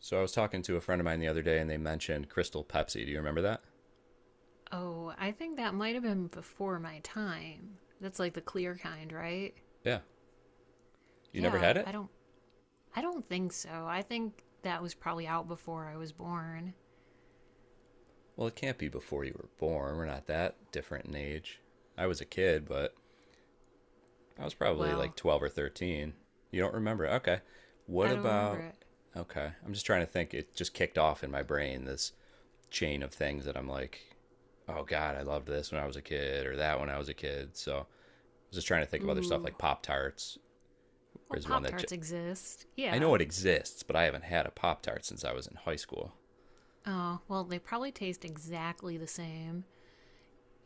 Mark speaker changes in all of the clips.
Speaker 1: So I was talking to a friend of mine the other day and they mentioned Crystal Pepsi. Do you remember that?
Speaker 2: Oh, I think that might have been before my time. That's like the clear kind, right?
Speaker 1: Yeah. You never
Speaker 2: Yeah,
Speaker 1: had it?
Speaker 2: I don't think so. I think that was probably out before I was born.
Speaker 1: Well, it can't be before you were born. We're not that different in age. I was a kid, but I was probably like
Speaker 2: Well,
Speaker 1: 12 or 13. You don't remember? Okay. What
Speaker 2: I don't remember
Speaker 1: about?
Speaker 2: it.
Speaker 1: Okay. I'm just trying to think. It just kicked off in my brain this chain of things that I'm like, oh God, I loved this when I was a kid or that when I was a kid. So I was just trying to think of other stuff
Speaker 2: Ooh.
Speaker 1: like Pop Tarts
Speaker 2: Well,
Speaker 1: is one
Speaker 2: Pop
Speaker 1: that
Speaker 2: Tarts exist.
Speaker 1: I know
Speaker 2: Yeah.
Speaker 1: it exists, but I haven't had a Pop Tart since I was in high school.
Speaker 2: Oh, well, they probably taste exactly the same.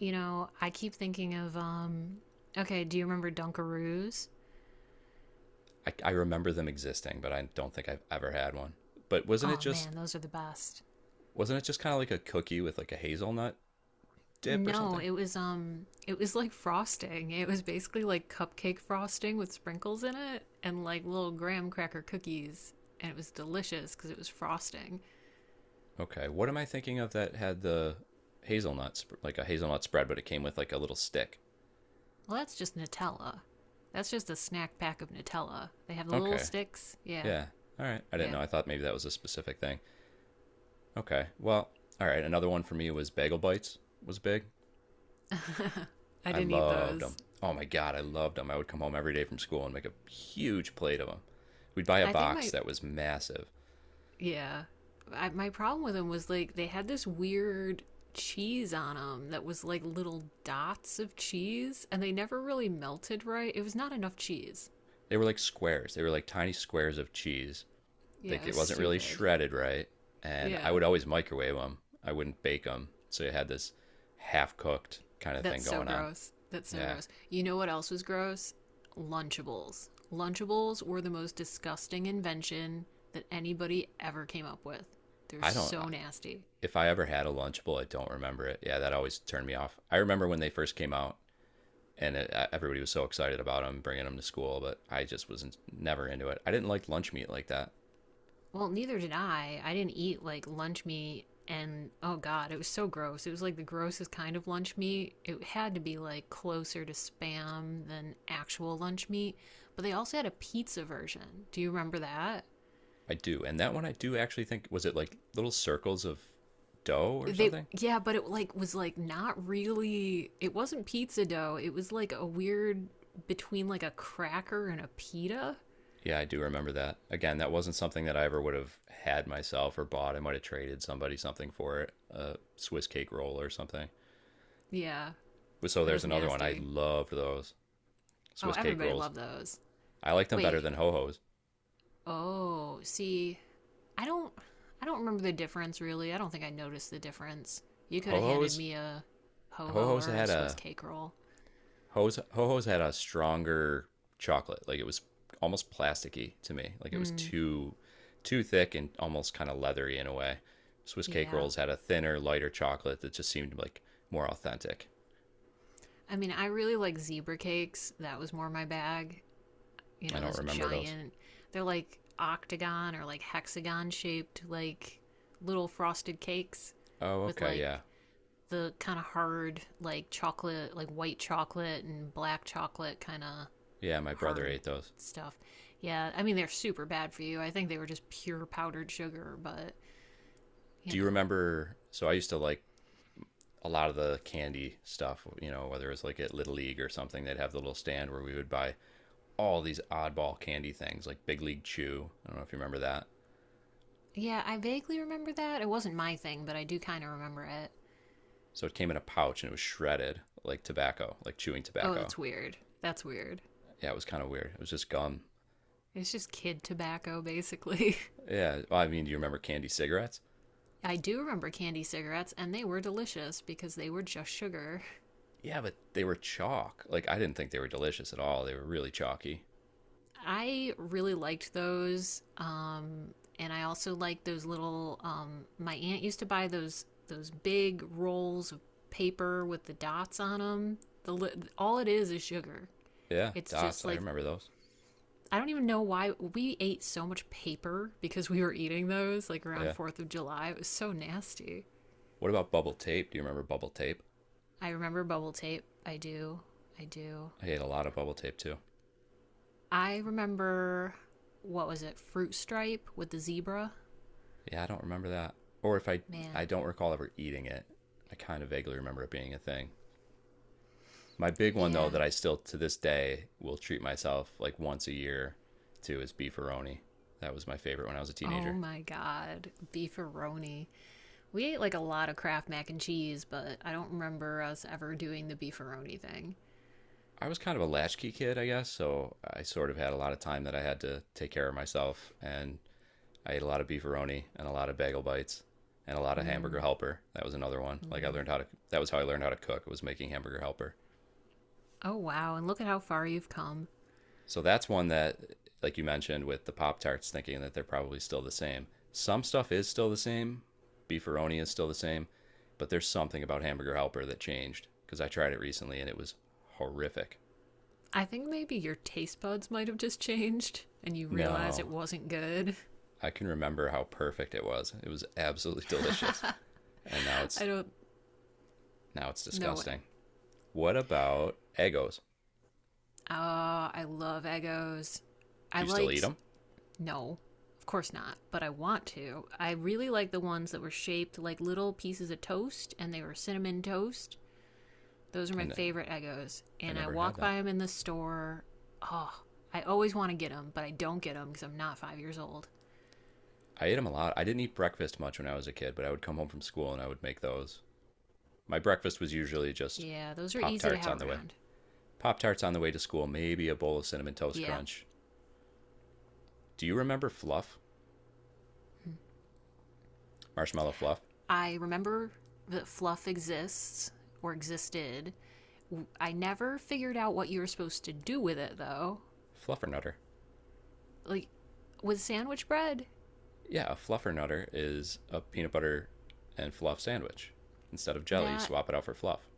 Speaker 2: You know, I keep thinking of okay, do you remember Dunkaroos?
Speaker 1: I remember them existing, but I don't think I've ever had one. But
Speaker 2: Oh man, those are the best.
Speaker 1: wasn't it just kind of like a cookie with like a hazelnut dip or
Speaker 2: No,
Speaker 1: something?
Speaker 2: it was like frosting. It was basically like cupcake frosting with sprinkles in it and like little graham cracker cookies, and it was delicious cuz it was frosting.
Speaker 1: Okay, what am I thinking of that had the hazelnuts, like a hazelnut spread, but it came with like a little stick?
Speaker 2: Well, that's just Nutella. That's just a snack pack of Nutella. They have the little
Speaker 1: Okay,
Speaker 2: sticks. Yeah.
Speaker 1: yeah, all right. I didn't
Speaker 2: Yeah.
Speaker 1: know. I thought maybe that was a specific thing. Okay, well, all right. Another one for me was bagel bites was big.
Speaker 2: I
Speaker 1: I
Speaker 2: didn't eat
Speaker 1: loved them.
Speaker 2: those.
Speaker 1: Oh my God, I loved them. I would come home every day from school and make a huge plate of them. We'd buy a
Speaker 2: I think
Speaker 1: box
Speaker 2: my
Speaker 1: that was massive.
Speaker 2: Yeah. My problem with them was like they had this weird cheese on them that was like little dots of cheese and they never really melted right. It was not enough cheese.
Speaker 1: They were like squares, they were like tiny squares of cheese.
Speaker 2: Yeah,
Speaker 1: Like
Speaker 2: it
Speaker 1: it
Speaker 2: was
Speaker 1: wasn't really
Speaker 2: stupid.
Speaker 1: shredded right. And I
Speaker 2: Yeah.
Speaker 1: would always microwave them, I wouldn't bake them. So you had this half cooked kind of thing
Speaker 2: That's so
Speaker 1: going on.
Speaker 2: gross. That's so
Speaker 1: Yeah.
Speaker 2: gross. You know what else was gross? Lunchables. Lunchables were the most disgusting invention that anybody ever came up with. They're
Speaker 1: I don't,
Speaker 2: so nasty.
Speaker 1: if I ever had a Lunchable, I don't remember it. Yeah, that always turned me off. I remember when they first came out, everybody was so excited about him bringing him to school. But I just was never into it. I didn't like lunch meat like that.
Speaker 2: Well, neither did I. I didn't eat like lunch meat and oh god, it was so gross. It was like the grossest kind of lunch meat. It had to be like closer to spam than actual lunch meat, but they also had a pizza version. Do you remember that?
Speaker 1: I do, and that one I do actually think was it like little circles of dough or
Speaker 2: They
Speaker 1: something.
Speaker 2: yeah, but it like was like not really it wasn't pizza dough. It was like a weird between like a cracker and a pita.
Speaker 1: Yeah, I do remember that. Again, that wasn't something that I ever would have had myself or bought. I might have traded somebody something for it, a Swiss cake roll or something.
Speaker 2: Yeah,
Speaker 1: So
Speaker 2: that
Speaker 1: there's
Speaker 2: was
Speaker 1: another one. I
Speaker 2: nasty.
Speaker 1: loved those
Speaker 2: Oh,
Speaker 1: Swiss cake
Speaker 2: everybody
Speaker 1: rolls.
Speaker 2: loved those.
Speaker 1: I liked them better
Speaker 2: Wait.
Speaker 1: than ho hos.
Speaker 2: Oh, see, I don't I don't remember the difference really. I don't think I noticed the difference. You could
Speaker 1: Ho
Speaker 2: have handed
Speaker 1: hos,
Speaker 2: me a ho
Speaker 1: ho
Speaker 2: ho
Speaker 1: hos
Speaker 2: or a
Speaker 1: had
Speaker 2: Swiss
Speaker 1: a
Speaker 2: cake roll.
Speaker 1: Ho's Ho Ho's had a stronger chocolate. Like it was almost plasticky to me. Like it was
Speaker 2: Hmm.
Speaker 1: too thick and almost kind of leathery in a way. Swiss cake
Speaker 2: Yeah.
Speaker 1: rolls had a thinner, lighter chocolate that just seemed like more authentic.
Speaker 2: I mean, I really like zebra cakes. That was more my bag. You
Speaker 1: I
Speaker 2: know,
Speaker 1: don't
Speaker 2: those
Speaker 1: remember those.
Speaker 2: giant. They're like octagon or like hexagon shaped like little frosted cakes
Speaker 1: Oh,
Speaker 2: with
Speaker 1: okay, yeah.
Speaker 2: like the kind of hard like chocolate like white chocolate and black chocolate kind of
Speaker 1: Yeah, my brother
Speaker 2: hard
Speaker 1: ate those.
Speaker 2: stuff. Yeah, I mean they're super bad for you. I think they were just pure powdered sugar, but you
Speaker 1: Do you
Speaker 2: know.
Speaker 1: remember, so I used to like a lot of the candy stuff, you know, whether it was like at Little League or something, they'd have the little stand where we would buy all these oddball candy things, like Big League Chew. I don't know if you remember that.
Speaker 2: Yeah, I vaguely remember that. It wasn't my thing, but I do kind of remember it.
Speaker 1: So it came in a pouch and it was shredded like tobacco, like chewing
Speaker 2: Oh,
Speaker 1: tobacco.
Speaker 2: that's weird. That's weird.
Speaker 1: Yeah, it was kind of weird. It was just gum.
Speaker 2: It's just kid tobacco basically.
Speaker 1: Yeah, well, I mean, do you remember candy cigarettes?
Speaker 2: I do remember candy cigarettes and they were delicious because they were just sugar.
Speaker 1: Yeah, but they were chalk. Like I didn't think they were delicious at all. They were really chalky.
Speaker 2: I really liked those. And I also liked those little. My aunt used to buy those big rolls of paper with the dots on them. The all it is sugar.
Speaker 1: Yeah,
Speaker 2: It's
Speaker 1: dots.
Speaker 2: just
Speaker 1: I
Speaker 2: like
Speaker 1: remember those.
Speaker 2: I don't even know why we ate so much paper because we were eating those like around
Speaker 1: Yeah.
Speaker 2: 4th of July. It was so nasty.
Speaker 1: What about bubble tape? Do you remember bubble tape?
Speaker 2: I remember bubble tape. I do. I do.
Speaker 1: I ate a lot of bubble tape too.
Speaker 2: I remember what was it? Fruit stripe with the zebra.
Speaker 1: Yeah, I don't remember that. Or if I I
Speaker 2: Man,
Speaker 1: don't recall ever eating it. I kind of vaguely remember it being a thing. My big one though
Speaker 2: yeah.
Speaker 1: that I still to this day will treat myself like once a year to is beefaroni. That was my favorite when I was a
Speaker 2: Oh
Speaker 1: teenager.
Speaker 2: my god, beefaroni. We ate like a lot of Kraft mac and cheese, but I don't remember us ever doing the beefaroni thing.
Speaker 1: I was kind of a latchkey kid, I guess, so I sort of had a lot of time that I had to take care of myself and I ate a lot of beefaroni and a lot of bagel bites and a lot of hamburger
Speaker 2: Mm,
Speaker 1: helper. That was another one. Like I
Speaker 2: mm.
Speaker 1: learned how to that was how I learned how to cook, was making hamburger helper.
Speaker 2: Oh wow, and look at how far you've come.
Speaker 1: So that's one that, like you mentioned, with the Pop Tarts, thinking that they're probably still the same. Some stuff is still the same. Beefaroni is still the same, but there's something about Hamburger Helper that changed because I tried it recently and it was horrific.
Speaker 2: I think maybe your taste buds might have just changed and you realize it
Speaker 1: No,
Speaker 2: wasn't good.
Speaker 1: I can remember how perfect it was. It was absolutely delicious, and
Speaker 2: I don't
Speaker 1: now it's
Speaker 2: no way.
Speaker 1: disgusting. What about Eggos?
Speaker 2: Ah, I love Eggo's. I
Speaker 1: Do you still eat
Speaker 2: liked
Speaker 1: them?
Speaker 2: no, of course not, but I want to. I really like the ones that were shaped like little pieces of toast and they were cinnamon toast. Those are
Speaker 1: I
Speaker 2: my
Speaker 1: know
Speaker 2: favorite Eggos.
Speaker 1: I
Speaker 2: And I
Speaker 1: never had
Speaker 2: walk
Speaker 1: that.
Speaker 2: by them in the store. Oh, I always want to get them, but I don't get them because I'm not 5 years old.
Speaker 1: I ate them a lot. I didn't eat breakfast much when I was a kid, but I would come home from school and I would make those. My breakfast was usually just
Speaker 2: Yeah, those are
Speaker 1: Pop
Speaker 2: easy to
Speaker 1: Tarts
Speaker 2: have
Speaker 1: on the way.
Speaker 2: around.
Speaker 1: Pop Tarts on the way to school, maybe a bowl of Cinnamon Toast
Speaker 2: Yeah.
Speaker 1: Crunch. Do you remember Fluff? Marshmallow Fluff?
Speaker 2: I remember that fluff exists or existed. I never figured out what you were supposed to do with it, though.
Speaker 1: Fluffernutter.
Speaker 2: Like, with sandwich bread,
Speaker 1: Yeah, a Fluffernutter is a peanut butter and fluff sandwich. Instead of jelly, you
Speaker 2: that
Speaker 1: swap it out for fluff.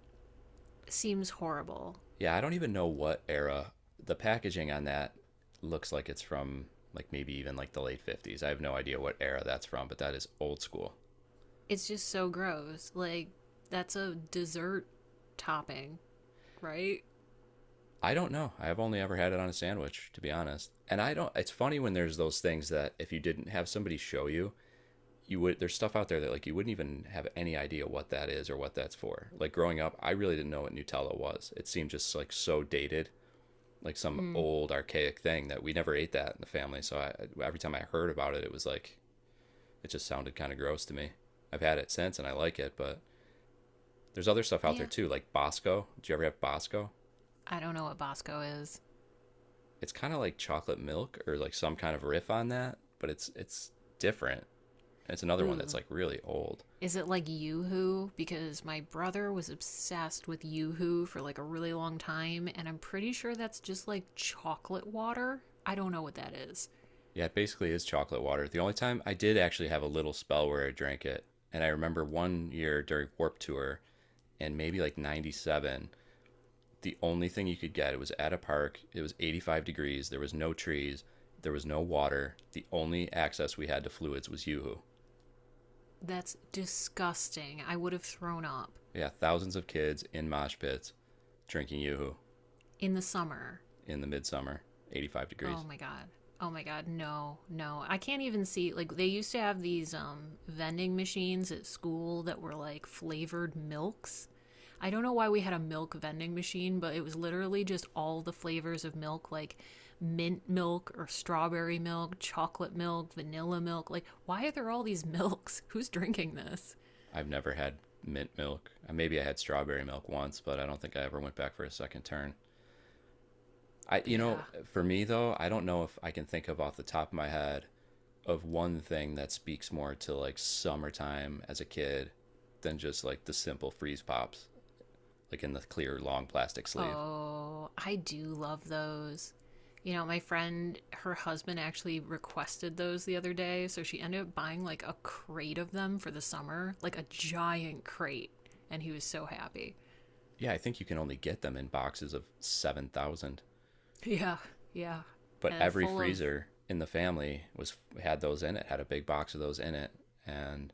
Speaker 2: seems horrible.
Speaker 1: Yeah, I don't even know what era. The packaging on that looks like it's from like maybe even like the late 50s. I have no idea what era that's from, but that is old school.
Speaker 2: It's just so gross. Like, that's a dessert topping, right?
Speaker 1: I don't know. I've only ever had it on a sandwich, to be honest. And I don't. It's funny when there's those things that if you didn't have somebody show you, you would. There's stuff out there that like you wouldn't even have any idea what that is or what that's for. Like growing up, I really didn't know what Nutella was. It seemed just like so dated, like some
Speaker 2: Hmm.
Speaker 1: old archaic thing that we never ate that in the family. So I, every time I heard about it, it was like it just sounded kind of gross to me. I've had it since and I like it, but there's other stuff out there
Speaker 2: Yeah,
Speaker 1: too, like Bosco. Did you ever have Bosco?
Speaker 2: I don't know what Bosco is.
Speaker 1: It's kind of like chocolate milk or like some kind of riff on that, but it's different. It's another one that's
Speaker 2: Ooh.
Speaker 1: like really old.
Speaker 2: Is it like Yoo-Hoo? Because my brother was obsessed with Yoo-Hoo for like a really long time, and I'm pretty sure that's just like chocolate water. I don't know what that is.
Speaker 1: Yeah, it basically is chocolate water. The only time I did actually have a little spell where I drank it, and I remember one year during Warp Tour and maybe like 97, the only thing you could get it was at a park. It was 85 degrees, there was no trees, there was no water. The only access we had to fluids was Yoo-Hoo.
Speaker 2: That's disgusting. I would have thrown up
Speaker 1: Yeah, thousands of kids in mosh pits drinking Yoo-Hoo
Speaker 2: in the summer.
Speaker 1: in the midsummer, 85
Speaker 2: Oh
Speaker 1: degrees.
Speaker 2: my god. Oh my god. No. No. I can't even see like they used to have these vending machines at school that were like flavored milks. I don't know why we had a milk vending machine, but it was literally just all the flavors of milk like mint milk or strawberry milk, chocolate milk, vanilla milk. Like why are there all these milks? Who's drinking this?
Speaker 1: I've never had mint milk. Maybe I had strawberry milk once, but I don't think I ever went back for a second turn. I, you
Speaker 2: Yeah.
Speaker 1: know, for me though, I don't know if I can think of off the top of my head of one thing that speaks more to like summertime as a kid than just like the simple freeze pops, like in the clear long plastic sleeve.
Speaker 2: Oh, I do love those. You know, my friend, her husband actually requested those the other day. So she ended up buying like a crate of them for the summer, like a giant crate. And he was so happy.
Speaker 1: Yeah, I think you can only get them in boxes of 7,000.
Speaker 2: Yeah, yeah.
Speaker 1: But every
Speaker 2: Full of,
Speaker 1: freezer in the family was had those in it, had a big box of those in it, and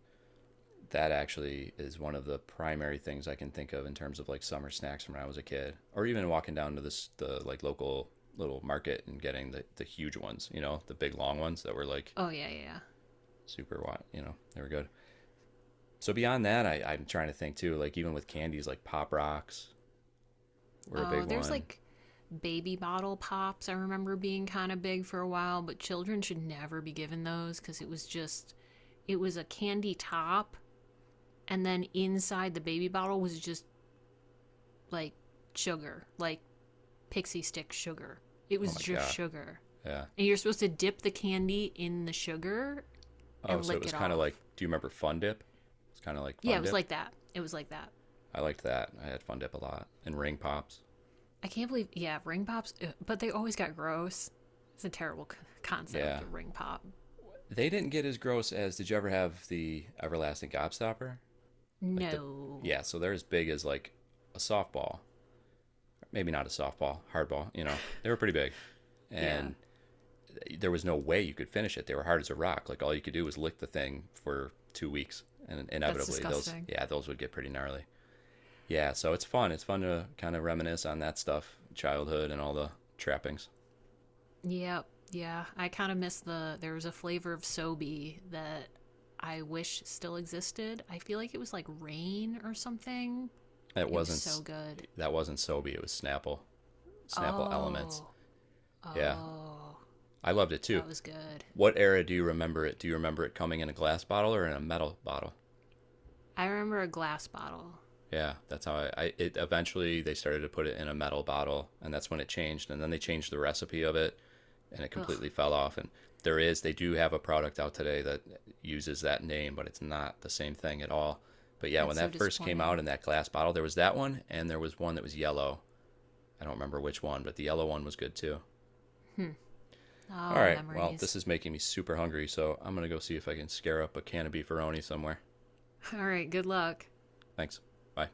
Speaker 1: that actually is one of the primary things I can think of in terms of like summer snacks from when I was a kid, or even walking down to this the like local little market and getting the huge ones, you know, the big long ones that were like
Speaker 2: oh, yeah, yeah, yeah.
Speaker 1: super watt, you know, they were good. So beyond that, I'm trying to think too, like even with candies like Pop Rocks were a big
Speaker 2: Oh, there's
Speaker 1: one.
Speaker 2: like baby bottle pops. I remember being kind of big for a while, but children should never be given those because it was just, it was a candy top. And then inside the baby bottle was just like sugar, like pixie stick sugar. It
Speaker 1: Oh
Speaker 2: was
Speaker 1: my
Speaker 2: just
Speaker 1: god,
Speaker 2: sugar.
Speaker 1: yeah.
Speaker 2: And you're supposed to dip the candy in the sugar
Speaker 1: Oh,
Speaker 2: and
Speaker 1: so it
Speaker 2: lick
Speaker 1: was
Speaker 2: it
Speaker 1: kind of
Speaker 2: off.
Speaker 1: like, do you remember Fun Dip? It's kind of like
Speaker 2: Yeah, it
Speaker 1: Fun
Speaker 2: was
Speaker 1: Dip.
Speaker 2: like that. It was like that.
Speaker 1: I liked that. I had Fun Dip a lot and Ring Pops.
Speaker 2: I can't believe, yeah, ring pops, but they always got gross. It's a terrible concept
Speaker 1: Yeah,
Speaker 2: of ring pop.
Speaker 1: They didn't get as gross as. Did you ever have the everlasting gobstopper? Like the
Speaker 2: No.
Speaker 1: yeah, so they're as big as like a softball. Maybe not a softball, hardball. You know, they were pretty big,
Speaker 2: Yeah,
Speaker 1: and there was no way you could finish it. They were hard as a rock. Like all you could do was lick the thing for 2 weeks, and
Speaker 2: that's
Speaker 1: inevitably those,
Speaker 2: disgusting.
Speaker 1: yeah, those would get pretty gnarly. Yeah, so it's fun. It's fun to kind of reminisce on that stuff, childhood, and all the trappings.
Speaker 2: Yep. Yeah, I kind of miss the. There was a flavor of Sobe that I wish still existed. I feel like it was like rain or something.
Speaker 1: It
Speaker 2: It was
Speaker 1: wasn't
Speaker 2: so good.
Speaker 1: that wasn't Sobe. It was Snapple, Snapple Elements.
Speaker 2: Oh,
Speaker 1: Yeah,
Speaker 2: oh,
Speaker 1: I loved it too.
Speaker 2: that was good.
Speaker 1: What era do you remember it? Do you remember it coming in a glass bottle or in a metal bottle?
Speaker 2: I remember a glass bottle.
Speaker 1: Yeah, that's how I, it eventually they started to put it in a metal bottle and that's when it changed and then they changed the recipe of it and it
Speaker 2: Ugh,
Speaker 1: completely fell off, and there is, they do have a product out today that uses that name but it's not the same thing at all. But yeah, when
Speaker 2: that's so
Speaker 1: that first came
Speaker 2: disappointing.
Speaker 1: out in that glass bottle, there was that one and there was one that was yellow. I don't remember which one, but the yellow one was good too.
Speaker 2: Hmm.
Speaker 1: All
Speaker 2: Oh,
Speaker 1: right, well, this
Speaker 2: memories.
Speaker 1: is making me super hungry, so I'm going to go see if I can scare up a can of beefaroni somewhere.
Speaker 2: All right, good luck.
Speaker 1: Thanks. Bye.